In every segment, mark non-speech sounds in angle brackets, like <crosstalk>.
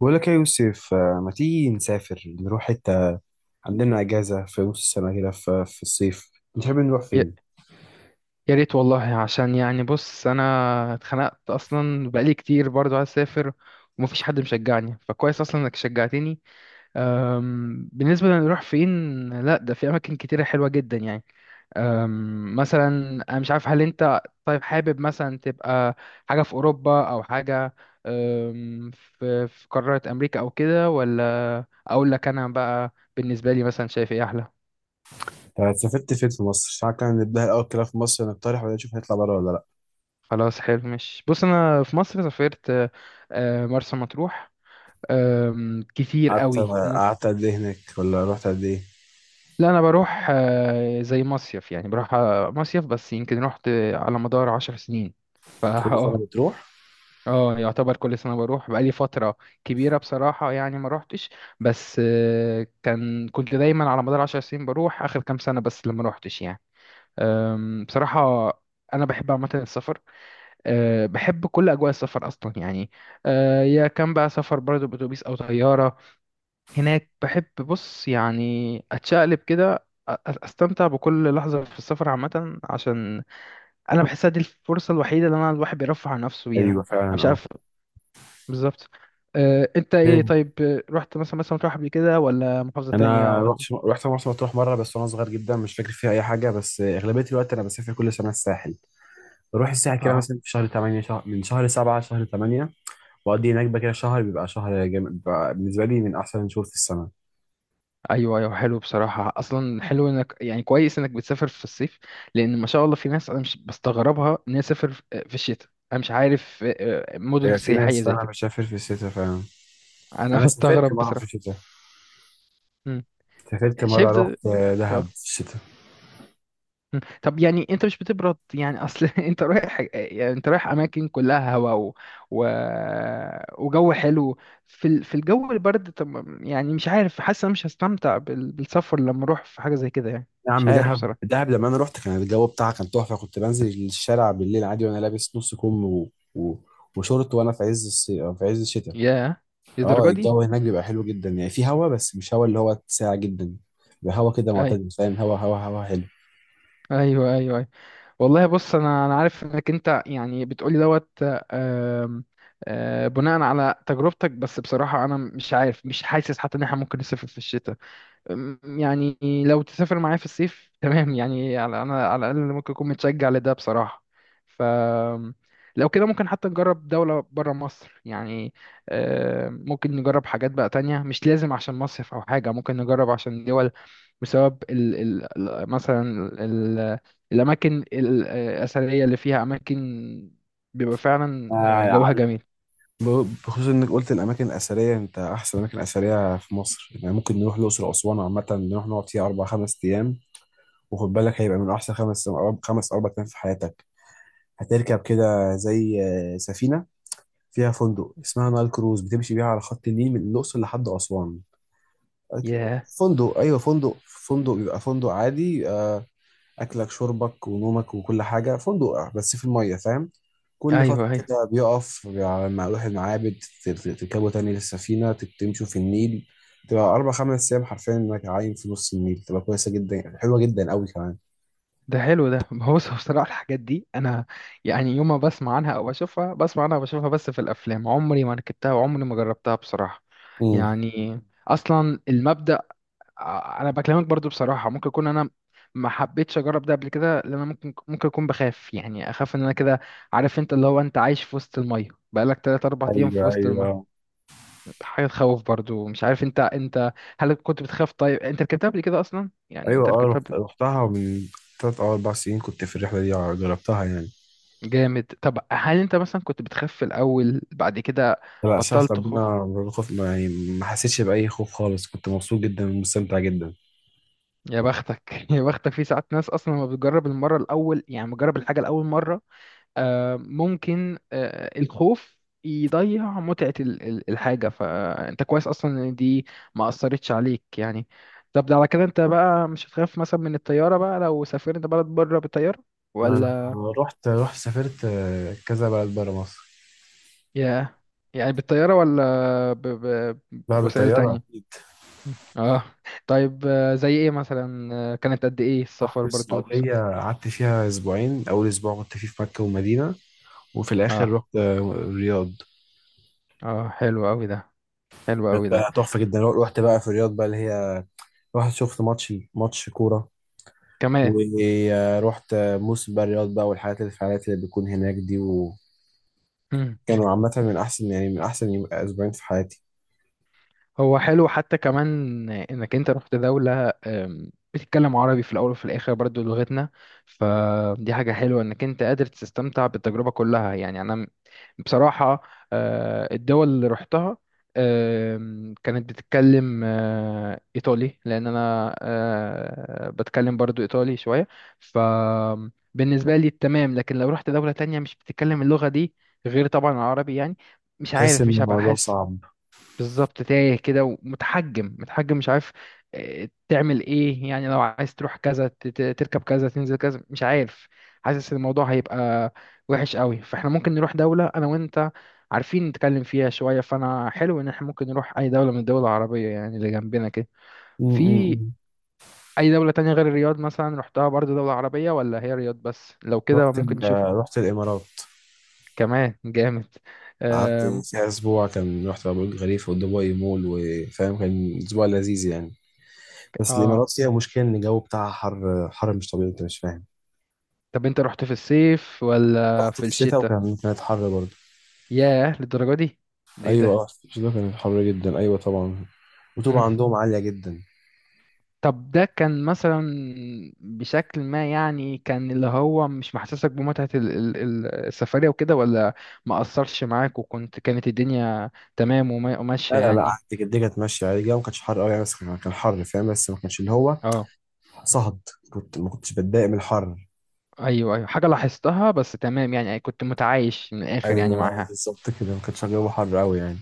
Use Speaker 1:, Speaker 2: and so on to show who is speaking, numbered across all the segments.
Speaker 1: بقول لك يا يوسف ما تيجي نسافر نروح حتة؟ عندنا أجازة في نص السنة كده في الصيف. نحب نروح
Speaker 2: يا
Speaker 1: فين؟
Speaker 2: يا ريت والله، عشان يعني بص انا اتخنقت اصلا بقالي كتير برضو عايز اسافر، ومفيش حد مشجعني، فكويس اصلا انك شجعتني. بالنسبه لنروح فين، لا ده في اماكن كتيره حلوه جدا يعني. مثلا انا مش عارف، هل انت طيب حابب مثلا تبقى حاجه في اوروبا او حاجه، في قاره امريكا او كده، ولا اقول لك انا بقى بالنسبه لي مثلا شايف ايه احلى.
Speaker 1: سافرت فين في مصر؟ ساعات كان نبدأ الأول كده في مصر، نقترح ولا نشوف هنطلع بره ولا لأ؟
Speaker 2: خلاص حلو، مش بص انا في مصر سافرت مرسى مطروح. كتير
Speaker 1: قعدت
Speaker 2: قوي
Speaker 1: قعدت قد إيه هناك ولا رحت قد إيه؟
Speaker 2: لا انا بروح زي مصيف يعني، بروح مصيف، بس يمكن رحت على مدار عشر سنين. فا <laughs>
Speaker 1: كل سنة
Speaker 2: اه،
Speaker 1: بتروح؟
Speaker 2: اه يعتبر كل سنة بروح. بقالي فترة كبيرة بصراحة يعني ما روحتش، بس كان كنت دايما على مدار عشر سنين بروح، آخر كام سنة بس لما روحتش يعني. بصراحة أنا بحب عامة السفر، أه بحب كل أجواء السفر أصلا يعني. أه يا كان بقى سفر برضه بأتوبيس أو طيارة، هناك بحب، بص يعني أتشقلب كده، أستمتع بكل لحظة في السفر عامة، عشان أنا بحسها دي الفرصة الوحيدة اللي أنا الواحد بيرفع عن نفسه بيها. أنا
Speaker 1: أيوه فعلا
Speaker 2: مش
Speaker 1: أه
Speaker 2: عارف. بالظبط. أه أنت إيه
Speaker 1: فين؟
Speaker 2: طيب، رحت مثلا، مثلا تروح قبل كده ولا محافظة
Speaker 1: أنا
Speaker 2: تانية ولا.
Speaker 1: رحت مرسى مطروح مرة بس، وأنا صغير جدا مش فاكر فيها أي حاجة. بس أغلبية الوقت أنا بسافر كل سنة الساحل. بروح الساحل كده
Speaker 2: آه.
Speaker 1: مثلا في شهر 8، من شهر 7 لشهر 8. بقضي هناك بقى كده شهر، بيبقى شهر جامد، بيبقى بالنسبة لي من أحسن الشهور في السنة.
Speaker 2: ايوه ايوه، حلو بصراحه، اصلا حلو انك يعني، كويس انك بتسافر في الصيف، لان ما شاء الله في ناس انا مش بستغربها ان هي تسافر في في الشتاء. انا مش عارف مدن
Speaker 1: بيبقى في ناس
Speaker 2: سياحيه زي
Speaker 1: فعلا
Speaker 2: كده.
Speaker 1: بتسافر في الشتاء فعلا.
Speaker 2: انا <laughs>
Speaker 1: أنا سافرت
Speaker 2: بستغرب
Speaker 1: مرة في
Speaker 2: بصراحه.
Speaker 1: الشتاء.
Speaker 2: مم.
Speaker 1: سافرت
Speaker 2: شايف
Speaker 1: مرة،
Speaker 2: ده.
Speaker 1: رحت دهب
Speaker 2: اه.
Speaker 1: في الشتاء.
Speaker 2: مم. طب يعني انت مش بتبرد يعني، اصل <laughs> انت رايح يعني انت رايح اماكن كلها هواء و... و... وجو حلو، في ال... في الجو البرد. طب يعني مش عارف، حاسس انا مش هستمتع بال... بالسفر لما اروح في حاجه زي كده يعني.
Speaker 1: يا
Speaker 2: مش
Speaker 1: عم
Speaker 2: عارف
Speaker 1: دهب،
Speaker 2: بصراحه.
Speaker 1: دهب لما أنا رحت كان الجو بتاعها كان تحفة. كنت بنزل الشارع بالليل عادي وأنا لابس نص كم وشورت وأنا في عز الصيف في عز الشتاء.
Speaker 2: ياه،
Speaker 1: اه،
Speaker 2: للدرجه دي؟
Speaker 1: الجو هناك بيبقى حلو جدا يعني. في هوا بس مش هوا اللي هو ساقع جدا، بيبقى هوا كده
Speaker 2: ايوه
Speaker 1: معتدل، فاهم؟ هوا حلو.
Speaker 2: ايوه ايوه ايوه والله بص انا عارف انك انت يعني بتقولي دوت، آم، آه، بناء على تجربتك، بس بصراحه انا مش عارف، مش حاسس حتى ان احنا ممكن نسافر في الشتاء. يعني لو تسافر معايا في الصيف <laughs> تمام يعني، على انا على الاقل ممكن اكون متشجع لده بصراحه. ف لو كده ممكن حتى نجرب دوله بره مصر يعني. ممكن نجرب حاجات بقى تانية مش لازم عشان مصيف او حاجه، ممكن نجرب عشان دول، بسبب مثلا ال الاماكن الاثريه اللي فيها، اماكن بيبقى فعلا جوها
Speaker 1: آه،
Speaker 2: جميل.
Speaker 1: بخصوص انك قلت الاماكن الاثريه، انت احسن اماكن اثريه في مصر يعني ممكن نروح الاقصر واسوان. عامه نروح نقعد فيها اربع خمس ايام، وخد بالك هيبقى من احسن خمس خمس اربع ايام في حياتك. هتركب كده زي سفينه فيها فندق اسمها نايل كروز، بتمشي بيها على خط النيل من الاقصر لحد اسوان.
Speaker 2: ياه،
Speaker 1: فندق، ايوه فندق بيبقى فندق عادي. اكلك شربك ونومك وكل حاجه فندق. بس في الميه، فاهم؟ كل فتره
Speaker 2: ايوه ايوه.
Speaker 1: كده بيقف على ما اروح المعابد. تركبوا تاني للسفينه، تمشوا في النيل. تبقى اربع خمس ايام حرفيا انك عايم في نص النيل، تبقى كويسه جدا، حلوه جدا قوي كمان.
Speaker 2: ده حلو ده <laughs> هو بص، هو بصراحة الحاجات دي أنا يعني يوم ما بسمع عنها أو بشوفها، بسمع عنها وبشوفها بس في الأفلام، عمري ما ركبتها وعمري ما جربتها بصراحة
Speaker 1: امم.
Speaker 2: يعني. أصلا المبدأ، أنا بكلمك برضو بصراحة، ممكن أكون أنا ما حبيتش أجرب ده قبل كده لأن أنا ممكن أكون بخاف يعني، أخاف إن أنا كده، عارف أنت اللي هو أنت عايش في وسط المية بقالك تلات أربع أيام
Speaker 1: ايوه
Speaker 2: في وسط
Speaker 1: ايوه
Speaker 2: المية، حاجة تخوف برضو. مش عارف أنت هل كنت بتخاف؟ طيب أنت ركبتها قبل كده أصلا يعني؟
Speaker 1: ايوه.
Speaker 2: أنت
Speaker 1: اه،
Speaker 2: ركبتها.
Speaker 1: رحتها من 3 او 4 سنين، كنت في الرحله دي جربتها يعني.
Speaker 2: جامد. طب هل انت مثلا كنت بتخاف في الاول، بعد كده
Speaker 1: لا، شاف
Speaker 2: بطلت
Speaker 1: ربنا
Speaker 2: تخاف؟
Speaker 1: خوف يعني. ما حسيتش باي خوف خالص، كنت مبسوط جدا ومستمتع جدا.
Speaker 2: يا بختك. <laughs> يا بختك، في ساعات ناس اصلا لما بتجرب المره الاول، يعني بتجرب الحاجه لاول مره ممكن الخوف يضيع متعه الحاجه، فانت كويس اصلا ان دي ما اثرتش عليك يعني. طب ده على كده انت بقى مش هتخاف مثلا من الطياره بقى لو سافرت بلد بره بالطياره
Speaker 1: انا
Speaker 2: ولا؟
Speaker 1: رحت رحت سافرت كذا بلد بره مصر.
Speaker 2: يا يعني بالطياره ولا
Speaker 1: بقى
Speaker 2: بوسائل
Speaker 1: بالطياره
Speaker 2: تانية؟
Speaker 1: اكيد.
Speaker 2: اه، طيب زي ايه مثلا؟ كانت قد ايه
Speaker 1: رحت
Speaker 2: السفر برضو
Speaker 1: السعوديه، قعدت فيها اسبوعين. اول اسبوع كنت فيه في مكه والمدينه، وفي الاخر
Speaker 2: اه،
Speaker 1: رحت الرياض.
Speaker 2: اه حلو قوي ده، حلو قوي
Speaker 1: كانت
Speaker 2: ده،
Speaker 1: بقى تحفه جدا. رحت بقى في الرياض بقى اللي هي، رحت شفت ماتش كوره،
Speaker 2: كمان.
Speaker 1: ورحت موسم بقى الرياض بقى، والحاجات الفعاليات اللي بتكون هناك دي. وكانوا
Speaker 2: مم.
Speaker 1: عامه من احسن يعني من احسن اسبوعين في حياتي.
Speaker 2: هو حلو حتى كمان انك انت رحت دولة بتتكلم عربي، في الاول وفي الاخر برضو لغتنا، فدي حاجة حلوة انك انت قادر تستمتع بالتجربة كلها يعني. انا بصراحة الدول اللي رحتها، كانت بتتكلم إيطالي، لأن أنا بتكلم برضو إيطالي شوية، فبالنسبة لي تمام. لكن لو رحت دولة تانية مش بتتكلم اللغة دي، غير طبعا العربي يعني، مش
Speaker 1: تحس
Speaker 2: عارف،
Speaker 1: ان
Speaker 2: مش هبقى.
Speaker 1: الموضوع صعب.
Speaker 2: بالظبط، تايه كده، ومتحجم متحجم، مش عارف تعمل ايه يعني، لو عايز تروح كذا، تركب كذا، تنزل كذا، مش عارف، حاسس ان الموضوع هيبقى وحش قوي. فاحنا ممكن نروح دولة انا وانت عارفين نتكلم فيها شوية، فانا حلو ان احنا ممكن نروح اي دولة من الدول العربية يعني، اللي جنبنا كده.
Speaker 1: م- م-
Speaker 2: في
Speaker 1: م.
Speaker 2: اي دولة تانية غير الرياض مثلا، رحتها برضو دولة عربية ولا هي الرياض بس؟ لو كده
Speaker 1: رحت
Speaker 2: ممكن
Speaker 1: ال-
Speaker 2: نشوف.
Speaker 1: آه، رحت الامارات،
Speaker 2: كمان جامد.
Speaker 1: قعدت
Speaker 2: آم،
Speaker 1: فيها أسبوع. كان رحت أبو الخليفة ودبي مول، وفاهم كان أسبوع لذيذ يعني. بس
Speaker 2: اه.
Speaker 1: الإمارات فيها مشكلة إن الجو بتاعها حر حر مش طبيعي، أنت مش فاهم.
Speaker 2: طب انت رحت في الصيف ولا
Speaker 1: رحت
Speaker 2: في
Speaker 1: في الشتاء
Speaker 2: الشتاء؟
Speaker 1: وكان كانت حر برضه.
Speaker 2: ياه، للدرجة دي؟ ده ايه
Speaker 1: أيوة
Speaker 2: ده.
Speaker 1: اه، في الشتاء كانت حر جدا أيوة طبعا. الرطوبة
Speaker 2: مم.
Speaker 1: عندهم عالية جدا.
Speaker 2: طب ده كان مثلا بشكل ما يعني، كان اللي هو مش محسسك بمتعة السفرية وكده، ولا ما أثرش معاك وكنت، كانت الدنيا تمام وماشية
Speaker 1: لا لا لا،
Speaker 2: يعني؟
Speaker 1: قعدت كده كانت ماشية عادي. الجو ما كانش حر أوي يعني، بس كان حر، فاهم؟ بس ما كانش اللي هو
Speaker 2: اه،
Speaker 1: صهد. كنت ما كنتش بتضايق من الحر.
Speaker 2: ايوه ايوه، حاجة لاحظتها بس. تمام يعني كنت متعايش من الآخر يعني
Speaker 1: أيوة
Speaker 2: معاها.
Speaker 1: بالظبط كده، ما كانش الجو حر أوي يعني.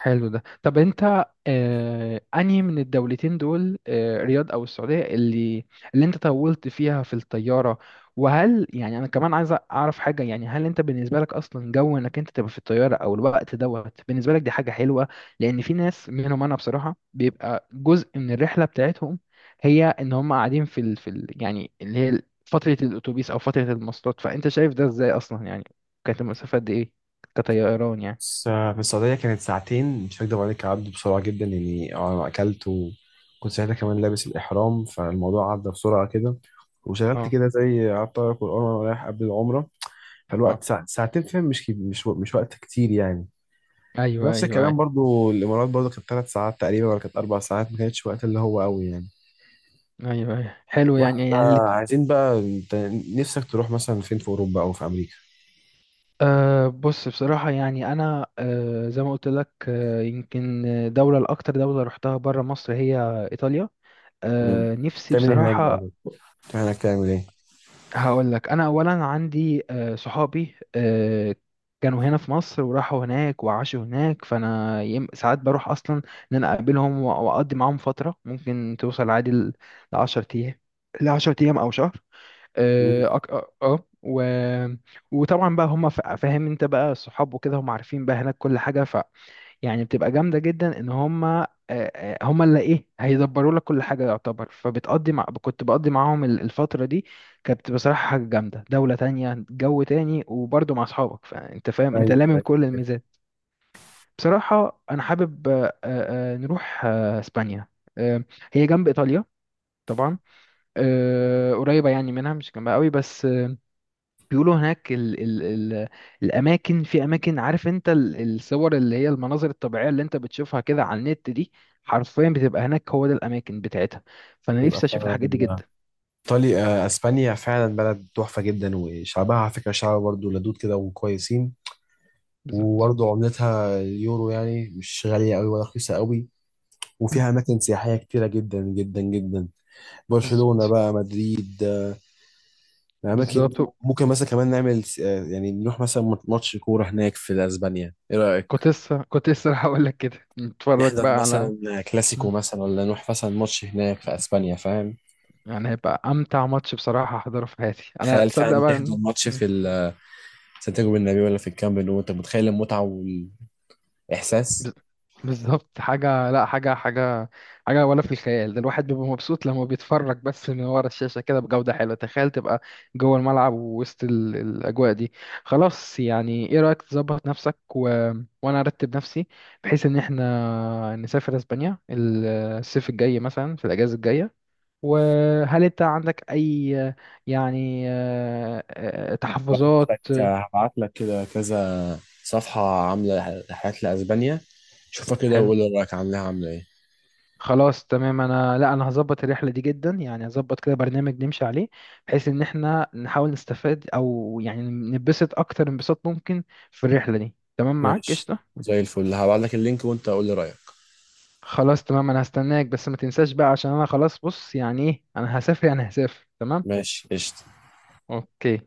Speaker 2: حلو ده. طب انت آه انهي من الدولتين دول، آه رياض او السعودية، اللي انت طولت فيها في الطيارة؟ وهل يعني انا كمان عايز اعرف حاجة، يعني هل انت بالنسبة لك اصلا جو انك انت تبقى في الطيارة او الوقت دوت بالنسبة لك دي حاجة حلوة؟ لان في ناس منهم، انا بصراحة بيبقى جزء من الرحلة بتاعتهم، هي ان هم قاعدين في ال... في ال... يعني اللي هي فترة الاتوبيس او فترة المواصلات. فانت شايف ده ازاي اصلا يعني؟ كانت المسافة قد ايه كطيران يعني؟
Speaker 1: بس في السعودية كانت ساعتين، مش هكدب عليك عدوا بسرعة جدا يعني. أنا أكلت وكنت ساعتها كمان لابس الإحرام، فالموضوع عدى بسرعة كده. وشغلت
Speaker 2: اه،
Speaker 1: كده زي قعدت أقرأ قرآن وأنا رايح قبل العمرة.
Speaker 2: اه،
Speaker 1: فالوقت ساعتين، فاهم؟ مش كي- مش و- مش وقت كتير يعني.
Speaker 2: ايوه
Speaker 1: نفس
Speaker 2: ايوه
Speaker 1: الكلام
Speaker 2: ايوه،
Speaker 1: برضو الإمارات، برضو كانت 3 ساعات تقريبا ولا كانت 4 ساعات، ما كانتش وقت اللي هو قوي يعني.
Speaker 2: ايوه ايوه حلو
Speaker 1: واحد
Speaker 2: يعني. يعني
Speaker 1: بقى، عايزين بقى أنت نفسك تروح مثلا فين، في أوروبا أو في أمريكا؟
Speaker 2: أه بص، بصراحه يعني انا أه زي ما قلت لك، أه يمكن دوله الاكتر دوله رحتها بره مصر هي ايطاليا.
Speaker 1: مم.
Speaker 2: أه نفسي
Speaker 1: تعمل إيه هناك
Speaker 2: بصراحه.
Speaker 1: بقى؟ تعمل إيه؟
Speaker 2: هقول لك، انا اولا عندي أه صحابي أه كانوا هنا في مصر وراحوا هناك وعاشوا هناك، فانا ساعات بروح اصلا ان انا اقابلهم، واقضي معاهم فتره ممكن توصل عادي ل 10 ايام، ل 10 ايام او شهر.
Speaker 1: مم.
Speaker 2: اه، اه، آه. و... وطبعا بقى هم فاهم انت بقى الصحاب وكده، هم عارفين بقى هناك كل حاجه، ف يعني بتبقى جامده جدا ان هم هم اللي ايه هيدبروا لك كل حاجه يعتبر، فبتقضي مع، كنت بقضي معاهم الفتره دي. كانت بصراحه حاجه جامده، دوله تانية، جو تاني، وبرضه مع اصحابك، فانت فاهم انت لامم
Speaker 1: أيوة
Speaker 2: كل الميزات. بصراحه انا حابب نروح اسبانيا. آه، هي جنب ايطاليا طبعا، قريبه يعني منها، مش جنبها قوي بس. بيقولوا هناك ال الاماكن، في اماكن، عارف انت الصور اللي هي المناظر الطبيعيه اللي انت بتشوفها كده على النت دي، حرفيا بتبقى هناك، هو ده الاماكن بتاعتها. فانا
Speaker 1: تبقى
Speaker 2: نفسي اشوف الحاجات دي
Speaker 1: فعلا
Speaker 2: جدا.
Speaker 1: إيطاليا، أسبانيا فعلا بلد تحفة جدا. وشعبها على فكرة شعب برضه لدود كده وكويسين،
Speaker 2: بالظبط.
Speaker 1: وبرضه عملتها اليورو، يعني مش غالية أوي ولا رخيصة أوي.
Speaker 2: م.
Speaker 1: وفيها أماكن سياحية كتيرة جدا جدا جدا. برشلونة
Speaker 2: بالظبط.
Speaker 1: بقى، مدريد، الأماكن دي.
Speaker 2: بالظبط.
Speaker 1: ممكن مثلا كمان نعمل يعني نروح مثلا ماتش كورة هناك في أسبانيا، إيه
Speaker 2: كنت
Speaker 1: رأيك؟
Speaker 2: لسه، كنت لسه راح اقول لك كده نتفرج
Speaker 1: نحضر
Speaker 2: بقى على.
Speaker 1: مثلا
Speaker 2: م.
Speaker 1: كلاسيكو مثلا، ولا نروح مثلا ماتش هناك في أسبانيا، فاهم؟
Speaker 2: يعني هيبقى امتع ماتش بصراحه احضره في حياتي انا،
Speaker 1: تخيل
Speaker 2: تصدق
Speaker 1: فعلا
Speaker 2: بقى
Speaker 1: تحضر ماتش
Speaker 2: إمم.
Speaker 1: في سانتياغو بالنبي، ولا في الكامب نو، انت متخيل المتعه والاحساس؟
Speaker 2: بز- بالظبط، حاجة لا، حاجة حاجة ولا في الخيال. ده الواحد بيبقى مبسوط لما بيتفرج بس من ورا الشاشة كده بجودة حلوة، تخيل تبقى جوه الملعب ووسط الأجواء دي. خلاص، يعني ايه رأيك، تظبط نفسك و... وأنا أرتب نفسي، بحيث إن احنا نسافر أسبانيا الصيف الجاي مثلا في الأجازة الجاية. وهل أنت عندك أي يعني
Speaker 1: هبعت
Speaker 2: تحفظات؟
Speaker 1: لك هبعت لك كده كذا صفحه عامله رحلات لاسبانيا. شوفها كده
Speaker 2: حلو.
Speaker 1: وقول لي رايك، عاملاها عامله ايه.
Speaker 2: خلاص تمام، انا لا انا هظبط الرحله دي جدا يعني، هظبط كده برنامج نمشي عليه، بحيث ان احنا نحاول نستفاد، او يعني نبسط اكتر انبساط ممكن في الرحله دي. تمام معاك
Speaker 1: ماشي
Speaker 2: قشطه.
Speaker 1: زي الفل، هبعت لك اللينك وانت قول لي رايك.
Speaker 2: خلاص تمام، انا هستناك، بس ما تنساش بقى، عشان انا خلاص، بص يعني ايه، انا هسافر يعني هسافر تمام.
Speaker 1: ماشي قشطه.
Speaker 2: اوكي.